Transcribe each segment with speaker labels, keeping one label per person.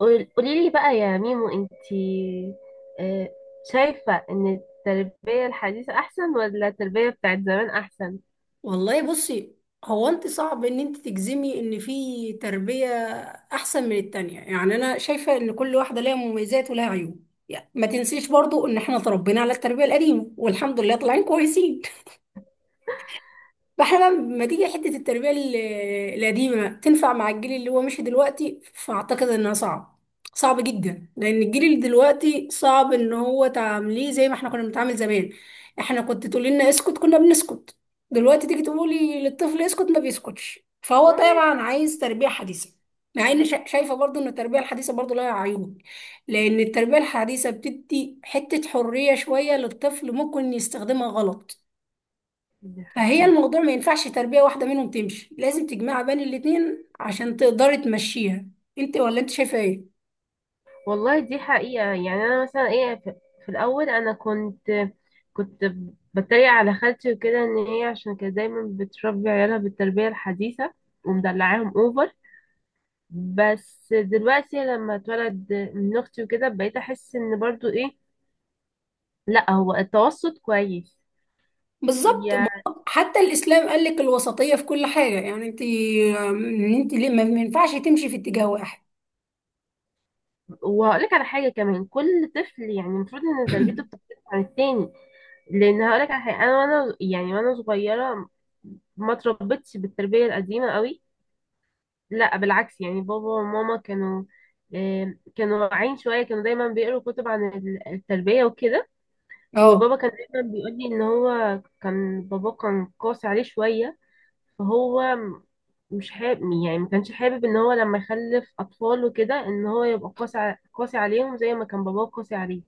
Speaker 1: قولي لي بقى يا ميمو انتي، آه، شايفة ان التربية الحديثة احسن ولا التربية بتاعت زمان احسن؟
Speaker 2: والله بصي، هو انت صعب ان انت تجزمي ان في تربية احسن من التانية. يعني انا شايفة ان كل واحدة ليها مميزات ولها عيوب. يعني ما تنسيش برضو ان احنا اتربينا على التربية القديمة والحمد لله طالعين كويسين. فاحنا بقى لما تيجي حتة التربية القديمة تنفع مع الجيل اللي هو مشي دلوقتي، فأعتقد إنها صعب، صعب جدا، لأن الجيل اللي دلوقتي صعب إن هو تعامليه زي ما احنا كنا بنتعامل زمان. احنا كنت تقول لنا اسكت كنا بنسكت، دلوقتي تيجي تقولي للطفل اسكت ما بيسكتش، فهو
Speaker 1: مامي.
Speaker 2: طبعا عايز تربية حديثة. مع إن شايفة برضو إن التربية الحديثة برضو لها عيوب، لأن التربية الحديثة بتدي حتة حرية شوية للطفل ممكن يستخدمها غلط.
Speaker 1: دي
Speaker 2: فهي
Speaker 1: حقيقة.
Speaker 2: الموضوع ما ينفعش تربية واحدة منهم تمشي، لازم تجمع بين الاتنين عشان تقدري تمشيها. انت ولا انت شايفة ايه؟
Speaker 1: والله دي حقيقة، يعني انا مثلا ايه، في الاول انا كنت بتريق على خالتي وكده، ان هي عشان كانت دايما بتربي عيالها بالتربية الحديثة ومدلعاهم اوفر. بس دلوقتي لما اتولد من اختي وكده بقيت احس ان برضو ايه، لا هو التوسط كويس.
Speaker 2: بالظبط حتى الاسلام قال لك الوسطية في كل حاجة. يعني انت ان انت ليه ما ينفعش تمشي في اتجاه واحد؟
Speaker 1: وهقول لك على حاجه كمان، كل طفل يعني المفروض ان تربيته بتختلف عن التاني. لان هقول لك على حاجه، انا وانا يعني وانا صغيره ما اتربيتش بالتربيه القديمه قوي، لا بالعكس، يعني بابا وماما كانوا كانوا واعيين شويه، كانوا دايما بيقروا كتب عن التربيه وكده. وبابا
Speaker 2: اه
Speaker 1: كان دايما بيقول لي ان هو كان بابا كان قاسي عليه شويه، فهو م- مش حابب، يعني ما كانش حابب ان هو لما يخلف اطفال وكده ان هو يبقى قاسي عليهم زي ما كان باباه قاسي عليه.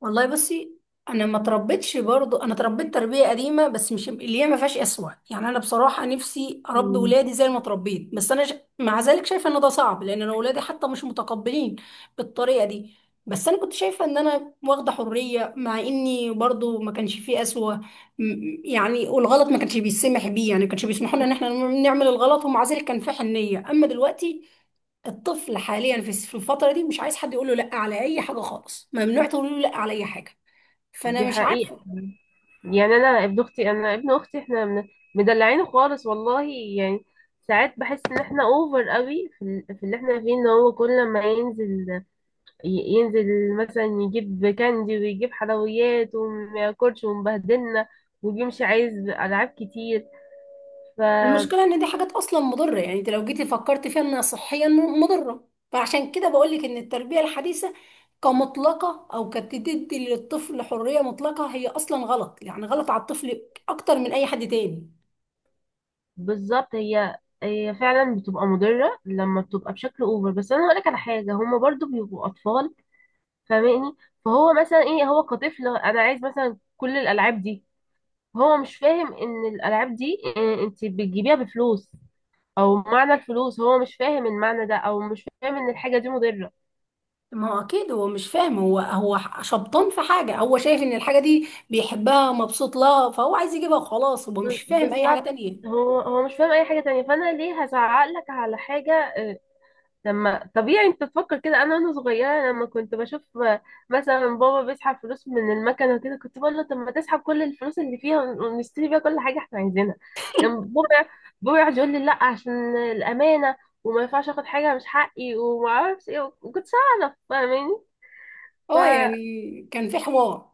Speaker 2: والله بصي، انا ما تربيتش برضو، انا تربيت تربيه قديمه، بس مش اللي هي ما فيهاش اسوه. يعني انا بصراحه نفسي اربي
Speaker 1: مم.
Speaker 2: ولادي زي ما تربيت، بس مع ذلك شايفه ان ده صعب، لان انا ولادي حتى مش متقبلين بالطريقه دي. بس انا كنت شايفه ان انا واخده حريه، مع اني برضو ما كانش فيه اسوه، يعني والغلط ما كانش بيسمح بيه. يعني ما كانش بيسمحوا لنا ان احنا نعمل الغلط، ومع ذلك كان في حنيه. اما دلوقتي الطفل حاليا في الفترة دي مش عايز حد يقول له لا على أي حاجة خالص، ممنوع تقول له لا على أي حاجة،
Speaker 1: دي
Speaker 2: فأنا مش
Speaker 1: حقيقة.
Speaker 2: عارفة.
Speaker 1: يعني انا ابن اختي، انا ابن اختي، مدلعينه خالص والله. يعني ساعات بحس ان احنا اوفر قوي في في اللي احنا فيه، ان هو كل ما ينزل ينزل مثلا يجيب كاندي ويجيب حلويات وما ياكلش ومبهدلنا، وبيمشي عايز العاب كتير.
Speaker 2: المشكلة إن دي حاجات أصلا مضرة. يعني أنت لو جيتي فكرت فيها إنها صحيا مضرة، فعشان كده بقولك إن التربية الحديثة كمطلقة أو كتدي للطفل حرية مطلقة هي أصلا غلط، يعني غلط على الطفل أكتر من أي حد تاني.
Speaker 1: بالظبط. هي فعلا بتبقى مضرة لما بتبقى بشكل اوفر، بس انا هقولك على حاجة، هما برضو بيبقوا اطفال، فاهماني؟ فهو مثلا ايه، هو كطفل انا عايز مثلا كل الالعاب دي، هو مش فاهم ان الالعاب دي انت بتجيبيها بفلوس، او معنى الفلوس هو مش فاهم المعنى ده، او مش فاهم ان الحاجة دي مضرة.
Speaker 2: ما هو أكيد هو مش فاهم، هو شبطان في حاجة، هو شايف إن الحاجة دي بيحبها مبسوط لها، فهو عايز يجيبها وخلاص، هو مش فاهم أي حاجة
Speaker 1: بالظبط.
Speaker 2: تانية.
Speaker 1: هو مش فاهم اي حاجة تانية، فانا ليه هزعق لك على حاجة؟ لما طبيعي انت تفكر كده. انا وانا صغيره لما كنت بشوف مثلا بابا بيسحب فلوس من المكنه وكده، كنت بقول له طب ما تسحب كل الفلوس اللي فيها ونشتري بيها كل حاجه احنا عايزينها، كان بابا يقعد يقول لي لا، عشان الامانه، وما ينفعش اخد حاجه مش حقي وما اعرفش ايه، وكنت اعرف، فاهماني؟
Speaker 2: اه
Speaker 1: فلما
Speaker 2: يعني كان في حوار.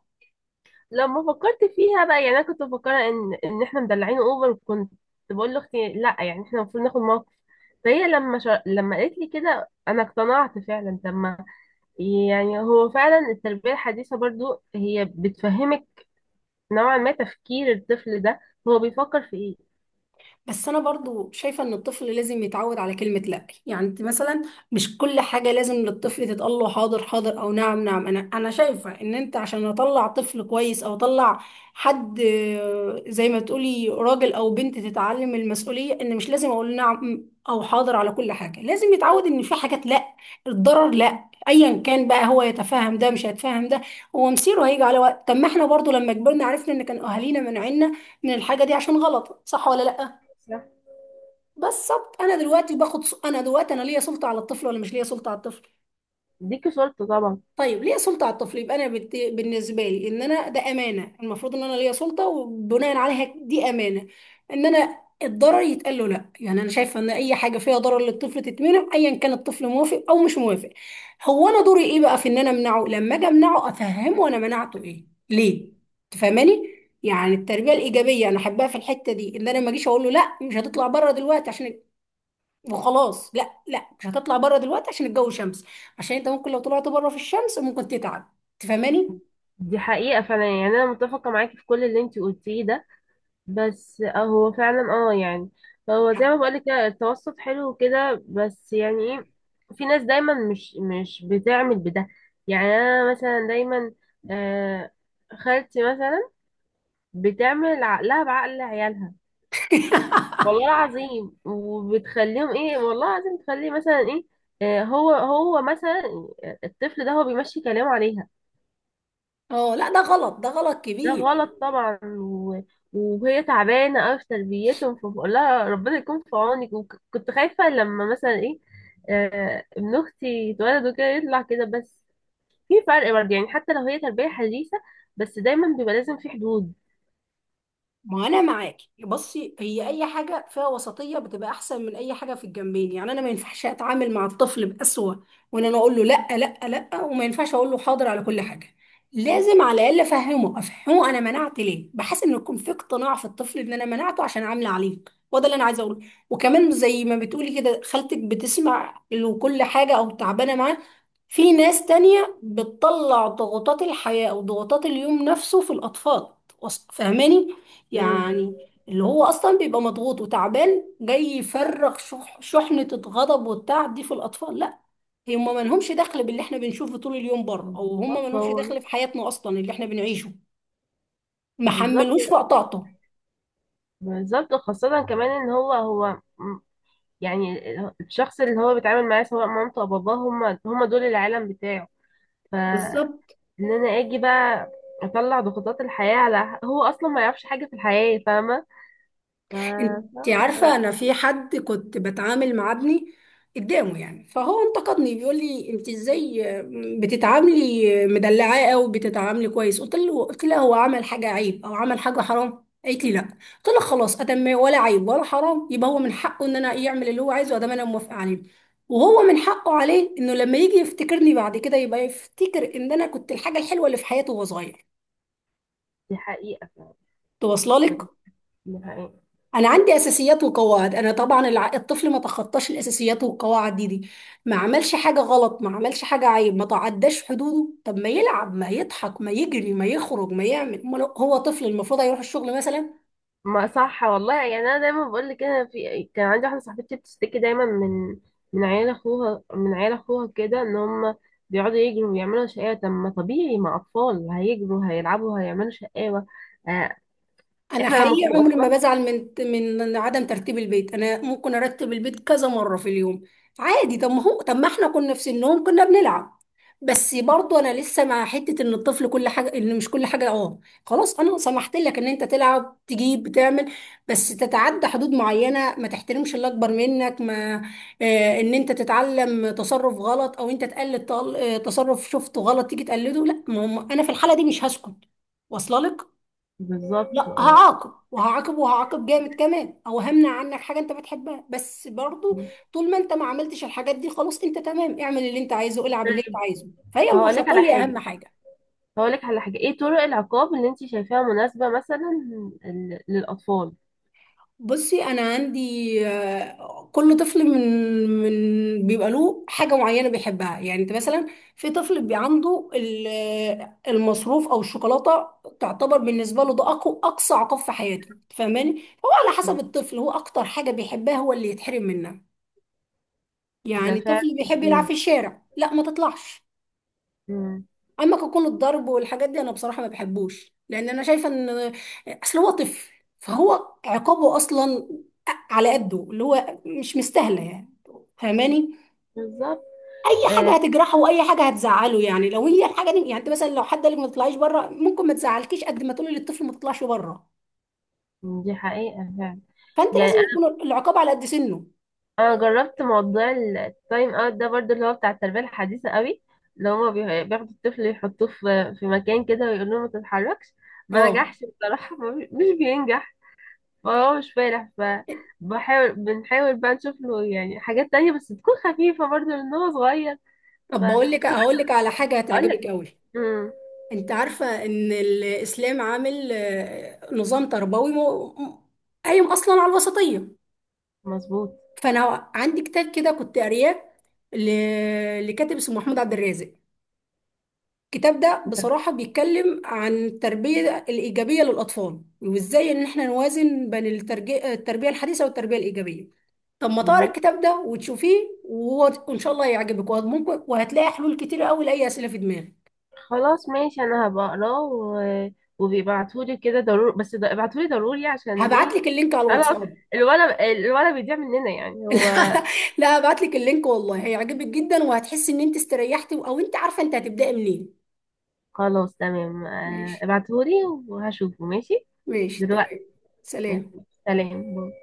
Speaker 1: فكرت فيها بقى، يعني انا كنت مفكره ان احنا مدلعين اوفر، كنت بقول لاختي لا، يعني احنا المفروض ناخد موقف. فهي لما لما قالت لي كده انا اقتنعت فعلا، لما يعني هو فعلا التربية الحديثة برضو هي بتفهمك نوعا ما تفكير الطفل ده، هو بيفكر في ايه.
Speaker 2: بس انا برضو شايفه ان الطفل لازم يتعود على كلمه لا. يعني انت مثلا مش كل حاجه لازم للطفل تتقال له حاضر حاضر او نعم نعم. انا شايفه ان انت عشان اطلع طفل كويس او اطلع حد، زي ما تقولي راجل او بنت، تتعلم المسؤوليه ان مش لازم اقول نعم او حاضر على كل حاجه، لازم يتعود ان في حاجات لا. الضرر لا ايا كان، بقى هو يتفهم ده مش هيتفهم ده، هو مصيره هيجي على وقت. طب ما احنا برضو لما كبرنا عرفنا ان كان اهالينا منعنا من الحاجه دي عشان غلط، صح ولا لا؟
Speaker 1: صح.
Speaker 2: بالظبط. انا دلوقتي انا ليا سلطه على الطفل ولا مش ليا سلطه على الطفل؟
Speaker 1: ديكي صورته طبعا.
Speaker 2: طيب ليا سلطه على الطفل، يبقى بالنسبه لي ان انا ده امانه، المفروض ان انا ليا سلطه، وبناء عليها دي امانه ان انا الضرر يتقال له لا. يعني انا شايفه ان اي حاجه فيها ضرر للطفل تتمنع، ايا كان الطفل موافق او مش موافق. هو انا دوري ايه بقى؟ في ان انا امنعه، لما اجي امنعه افهمه انا منعته ايه ليه، تفهماني؟ يعني التربيه الايجابيه انا احبها في الحته دي، ان انا ما اجيش اقول له لا مش هتطلع بره دلوقتي عشان وخلاص. لا، لا مش هتطلع بره دلوقتي عشان الجو شمس، عشان انت ممكن لو طلعت بره في الشمس ممكن تتعب، تفهماني؟
Speaker 1: دي حقيقة فعلا، يعني أنا متفقة معاكي في كل اللي انتي قلتيه ده، بس اه هو فعلا اه يعني هو زي ما بقولك كده التوسط حلو كده، بس يعني ايه، في ناس دايما مش بتعمل بده. يعني أنا مثلا دايما، آه، خالتي مثلا بتعمل عقلها بعقل عيالها، والله العظيم، وبتخليهم ايه، والله العظيم، تخليه مثلا ايه، هو مثلا الطفل ده هو بيمشي كلامه عليها.
Speaker 2: اه لا ده غلط، ده غلط
Speaker 1: ده
Speaker 2: كبير.
Speaker 1: غلط طبعا، وهي تعبانه قوي في تربيتهم، فبقول لها ربنا يكون في عونك. وكنت خايفه لما مثلا ايه، ابن اختي يتولد وكده يطلع كده، بس في فرق برضه، يعني حتى لو هي تربيه حديثه بس دايما بيبقى لازم في حدود.
Speaker 2: ما انا معاكي، بصي هي اي حاجه فيها وسطيه بتبقى احسن من اي حاجه في الجنبين. يعني انا ما ينفعش اتعامل مع الطفل بأسوأ، وان انا اقول له لا لا لا، وما ينفعش اقول له حاضر على كل حاجه. لازم على الاقل افهمه، افهمه انا منعت ليه، بحيث ان يكون في اقتناع في الطفل ان انا منعته عشان عامله عليه، وده اللي انا عايزه اقوله. وكمان زي ما بتقولي كده خالتك بتسمع له كل حاجه او تعبانه معاه، في ناس تانية بتطلع ضغوطات الحياه او ضغوطات اليوم نفسه في الاطفال، فاهماني؟
Speaker 1: مم.
Speaker 2: يعني اللي هو اصلا بيبقى مضغوط وتعبان جاي يفرغ شحنة الغضب والتعب دي في الاطفال، لا. هم ما لهمش دخل باللي احنا بنشوفه طول اليوم بره، او هم ما
Speaker 1: بالظبط
Speaker 2: لهمش
Speaker 1: هو.
Speaker 2: دخل في حياتنا اصلا اللي احنا بنعيشه، ما
Speaker 1: بالظبط
Speaker 2: حملوش وقت طاقته.
Speaker 1: بالظبط خاصة كمان ان هو يعني الشخص اللي هو بيتعامل معاه سواء مامته او باباه، هم دول العالم بتاعه. فان
Speaker 2: بالظبط.
Speaker 1: انا اجي بقى اطلع ضغوطات الحياة على هو اصلا ما يعرفش حاجة في الحياة، فاهمة؟ ف...
Speaker 2: انت
Speaker 1: صعب
Speaker 2: عارفة،
Speaker 1: أوي.
Speaker 2: انا في حد كنت بتعامل مع ابني قدامه يعني، فهو انتقدني بيقول لي انت ازاي بتتعاملي مدلعاه او بتتعاملي كويس؟ قلت له، قلت لها، هو عمل حاجة عيب او عمل حاجة حرام؟ قالت لي لا. قلت لها خلاص، ادم ولا عيب ولا حرام، يبقى هو من حقه ان انا يعمل اللي هو عايزه ادام انا موافقة عليه، وهو من حقه عليه انه لما يجي يفتكرني بعد كده يبقى يفتكر ان انا كنت الحاجة الحلوة اللي في حياته وهو صغير،
Speaker 1: دي حقيقة
Speaker 2: توصل لك؟
Speaker 1: فعلا. دي حقيقة.
Speaker 2: انا عندي اساسيات وقواعد. انا طبعا الطفل ما تخطاش الاساسيات والقواعد دي، ما عملش حاجه غلط، ما عملش حاجه عيب، ما تعداش حدوده، طب ما يلعب ما يضحك ما يجري ما يخرج ما يعمل. أمال هو طفل؟ المفروض هيروح الشغل مثلا؟
Speaker 1: ما صح والله، يعني انا دايما بقول لك، انا في كان عندي واحدة صاحبتي بتشتكي دايما من عيال اخوها من عيال اخوها كده، ان هم بيقعدوا يجروا ويعملوا شقاوة. طب ما طبيعي مع اطفال هيجروا هيلعبوا هيعملوا شقاوة. آه،
Speaker 2: انا
Speaker 1: احنا لما كنا
Speaker 2: حقيقي عمري ما
Speaker 1: اطفال.
Speaker 2: بزعل من عدم ترتيب البيت، انا ممكن ارتب البيت كذا مره في اليوم عادي. طب ما احنا كنا في سنهم كنا بنلعب. بس برضو انا لسه مع حته ان الطفل كل حاجه، ان مش كل حاجه، خلاص انا سمحت لك ان انت تلعب تجيب بتعمل، بس تتعدى حدود معينه، ما تحترمش اللي اكبر منك، ما آه ان انت تتعلم تصرف غلط او انت تقلد، تصرف شفته غلط تيجي تقلده، لا، ما هم- انا في الحاله دي مش هسكت، واصله لك؟
Speaker 1: بالظبط
Speaker 2: لا،
Speaker 1: اه.
Speaker 2: هعاقب وهعاقب وهعاقب جامد كمان، او همنع عنك حاجه انت بتحبها. بس برضو طول ما انت ما عملتش الحاجات دي خلاص انت تمام، اعمل اللي انت عايزه، العب اللي انت
Speaker 1: طيب
Speaker 2: عايزه. فهي
Speaker 1: هقول لك على
Speaker 2: الوسطيه
Speaker 1: حاجة
Speaker 2: اهم حاجه.
Speaker 1: هقول لك على حاجة، ايه طرق العقاب اللي انت شايفاها مناسبة مثلا للأطفال؟
Speaker 2: بصي انا عندي، كل طفل من من بيبقى له حاجه معينه بيحبها. يعني انت مثلا في طفل بيبقى عنده المصروف او الشوكولاته، تعتبر بالنسبه له ده اقوى اقصى عقاب في حياته، فاهماني؟ هو على حسب الطفل، هو اكتر حاجه بيحبها هو اللي يتحرم منها.
Speaker 1: ده
Speaker 2: يعني
Speaker 1: فعلا.
Speaker 2: طفل بيحب يلعب
Speaker 1: مم.
Speaker 2: في الشارع، لا ما تطلعش.
Speaker 1: مم.
Speaker 2: اما ككون الضرب والحاجات دي، انا بصراحه ما بحبوش، لان انا شايفه ان اصل هو طفل، فهو عقابه اصلا على قده، اللي هو مش مستاهله يعني، فاهماني؟
Speaker 1: بالظبط.
Speaker 2: اي حاجه
Speaker 1: آه،
Speaker 2: هتجرحه واي حاجه هتزعله. يعني لو هي الحاجه دي، يعني انت مثلا لو حد قال لك ما تطلعيش بره ممكن ما تزعلكيش قد ما تقولي للطفل ما تطلعش بره.
Speaker 1: دي حقيقة فعلا.
Speaker 2: فانت
Speaker 1: يعني
Speaker 2: لازم
Speaker 1: أنا
Speaker 2: يكون العقاب على قد سنه.
Speaker 1: أنا جربت موضوع التايم اوت ده برضو اللي هو بتاع التربية الحديثة قوي، اللي هما بياخدوا الطفل يحطوه في مكان كده ويقولوا له ما تتحركش. ما
Speaker 2: اه
Speaker 1: نجحش بصراحة، ما مش بينجح. ما هو مش فالح. بنحاول بقى نشوف له يعني حاجات تانية بس تكون خفيفة برضه لأن هو صغير.
Speaker 2: طب بقول لك، هقول
Speaker 1: وكمان
Speaker 2: لك على حاجه
Speaker 1: اقول
Speaker 2: هتعجبك
Speaker 1: لك.
Speaker 2: قوي.
Speaker 1: مم.
Speaker 2: انت عارفة ان الاسلام عامل نظام تربوي قايم اصلا على الوسطية.
Speaker 1: مظبوط.
Speaker 2: فانا عندي كتاب كده كنت قارياه، لكاتب اسمه محمود عبد الرازق. الكتاب ده
Speaker 1: انت.
Speaker 2: بصراحة بيتكلم عن التربية الإيجابية للأطفال، وإزاي إن إحنا نوازن بين التربية الحديثة والتربية الإيجابية. طب ما تقرا
Speaker 1: مم.
Speaker 2: الكتاب ده وتشوفيه، وإن شاء الله هيعجبك، وممكن وهتلاقي حلول كتير قوي لأي أسئلة في دماغك.
Speaker 1: خلاص ماشي انا هبقى اقراه. وبيبعتولي كده ضروري، بس ابعتولي ضروري عشان
Speaker 2: هبعت
Speaker 1: ايه.
Speaker 2: لك اللينك على
Speaker 1: خلاص.
Speaker 2: الواتساب.
Speaker 1: الولد، الولد بيضيع مننا، يعني هو.
Speaker 2: لا لا هبعت لك اللينك والله هيعجبك جدا، وهتحسي ان انت استريحتي او انت عارفه انت هتبداي منين.
Speaker 1: خلاص تمام.
Speaker 2: ماشي
Speaker 1: ابعتهولي وهشوفه ماشي
Speaker 2: ماشي تمام.
Speaker 1: دلوقتي. ماشي.
Speaker 2: سلام.
Speaker 1: سلام.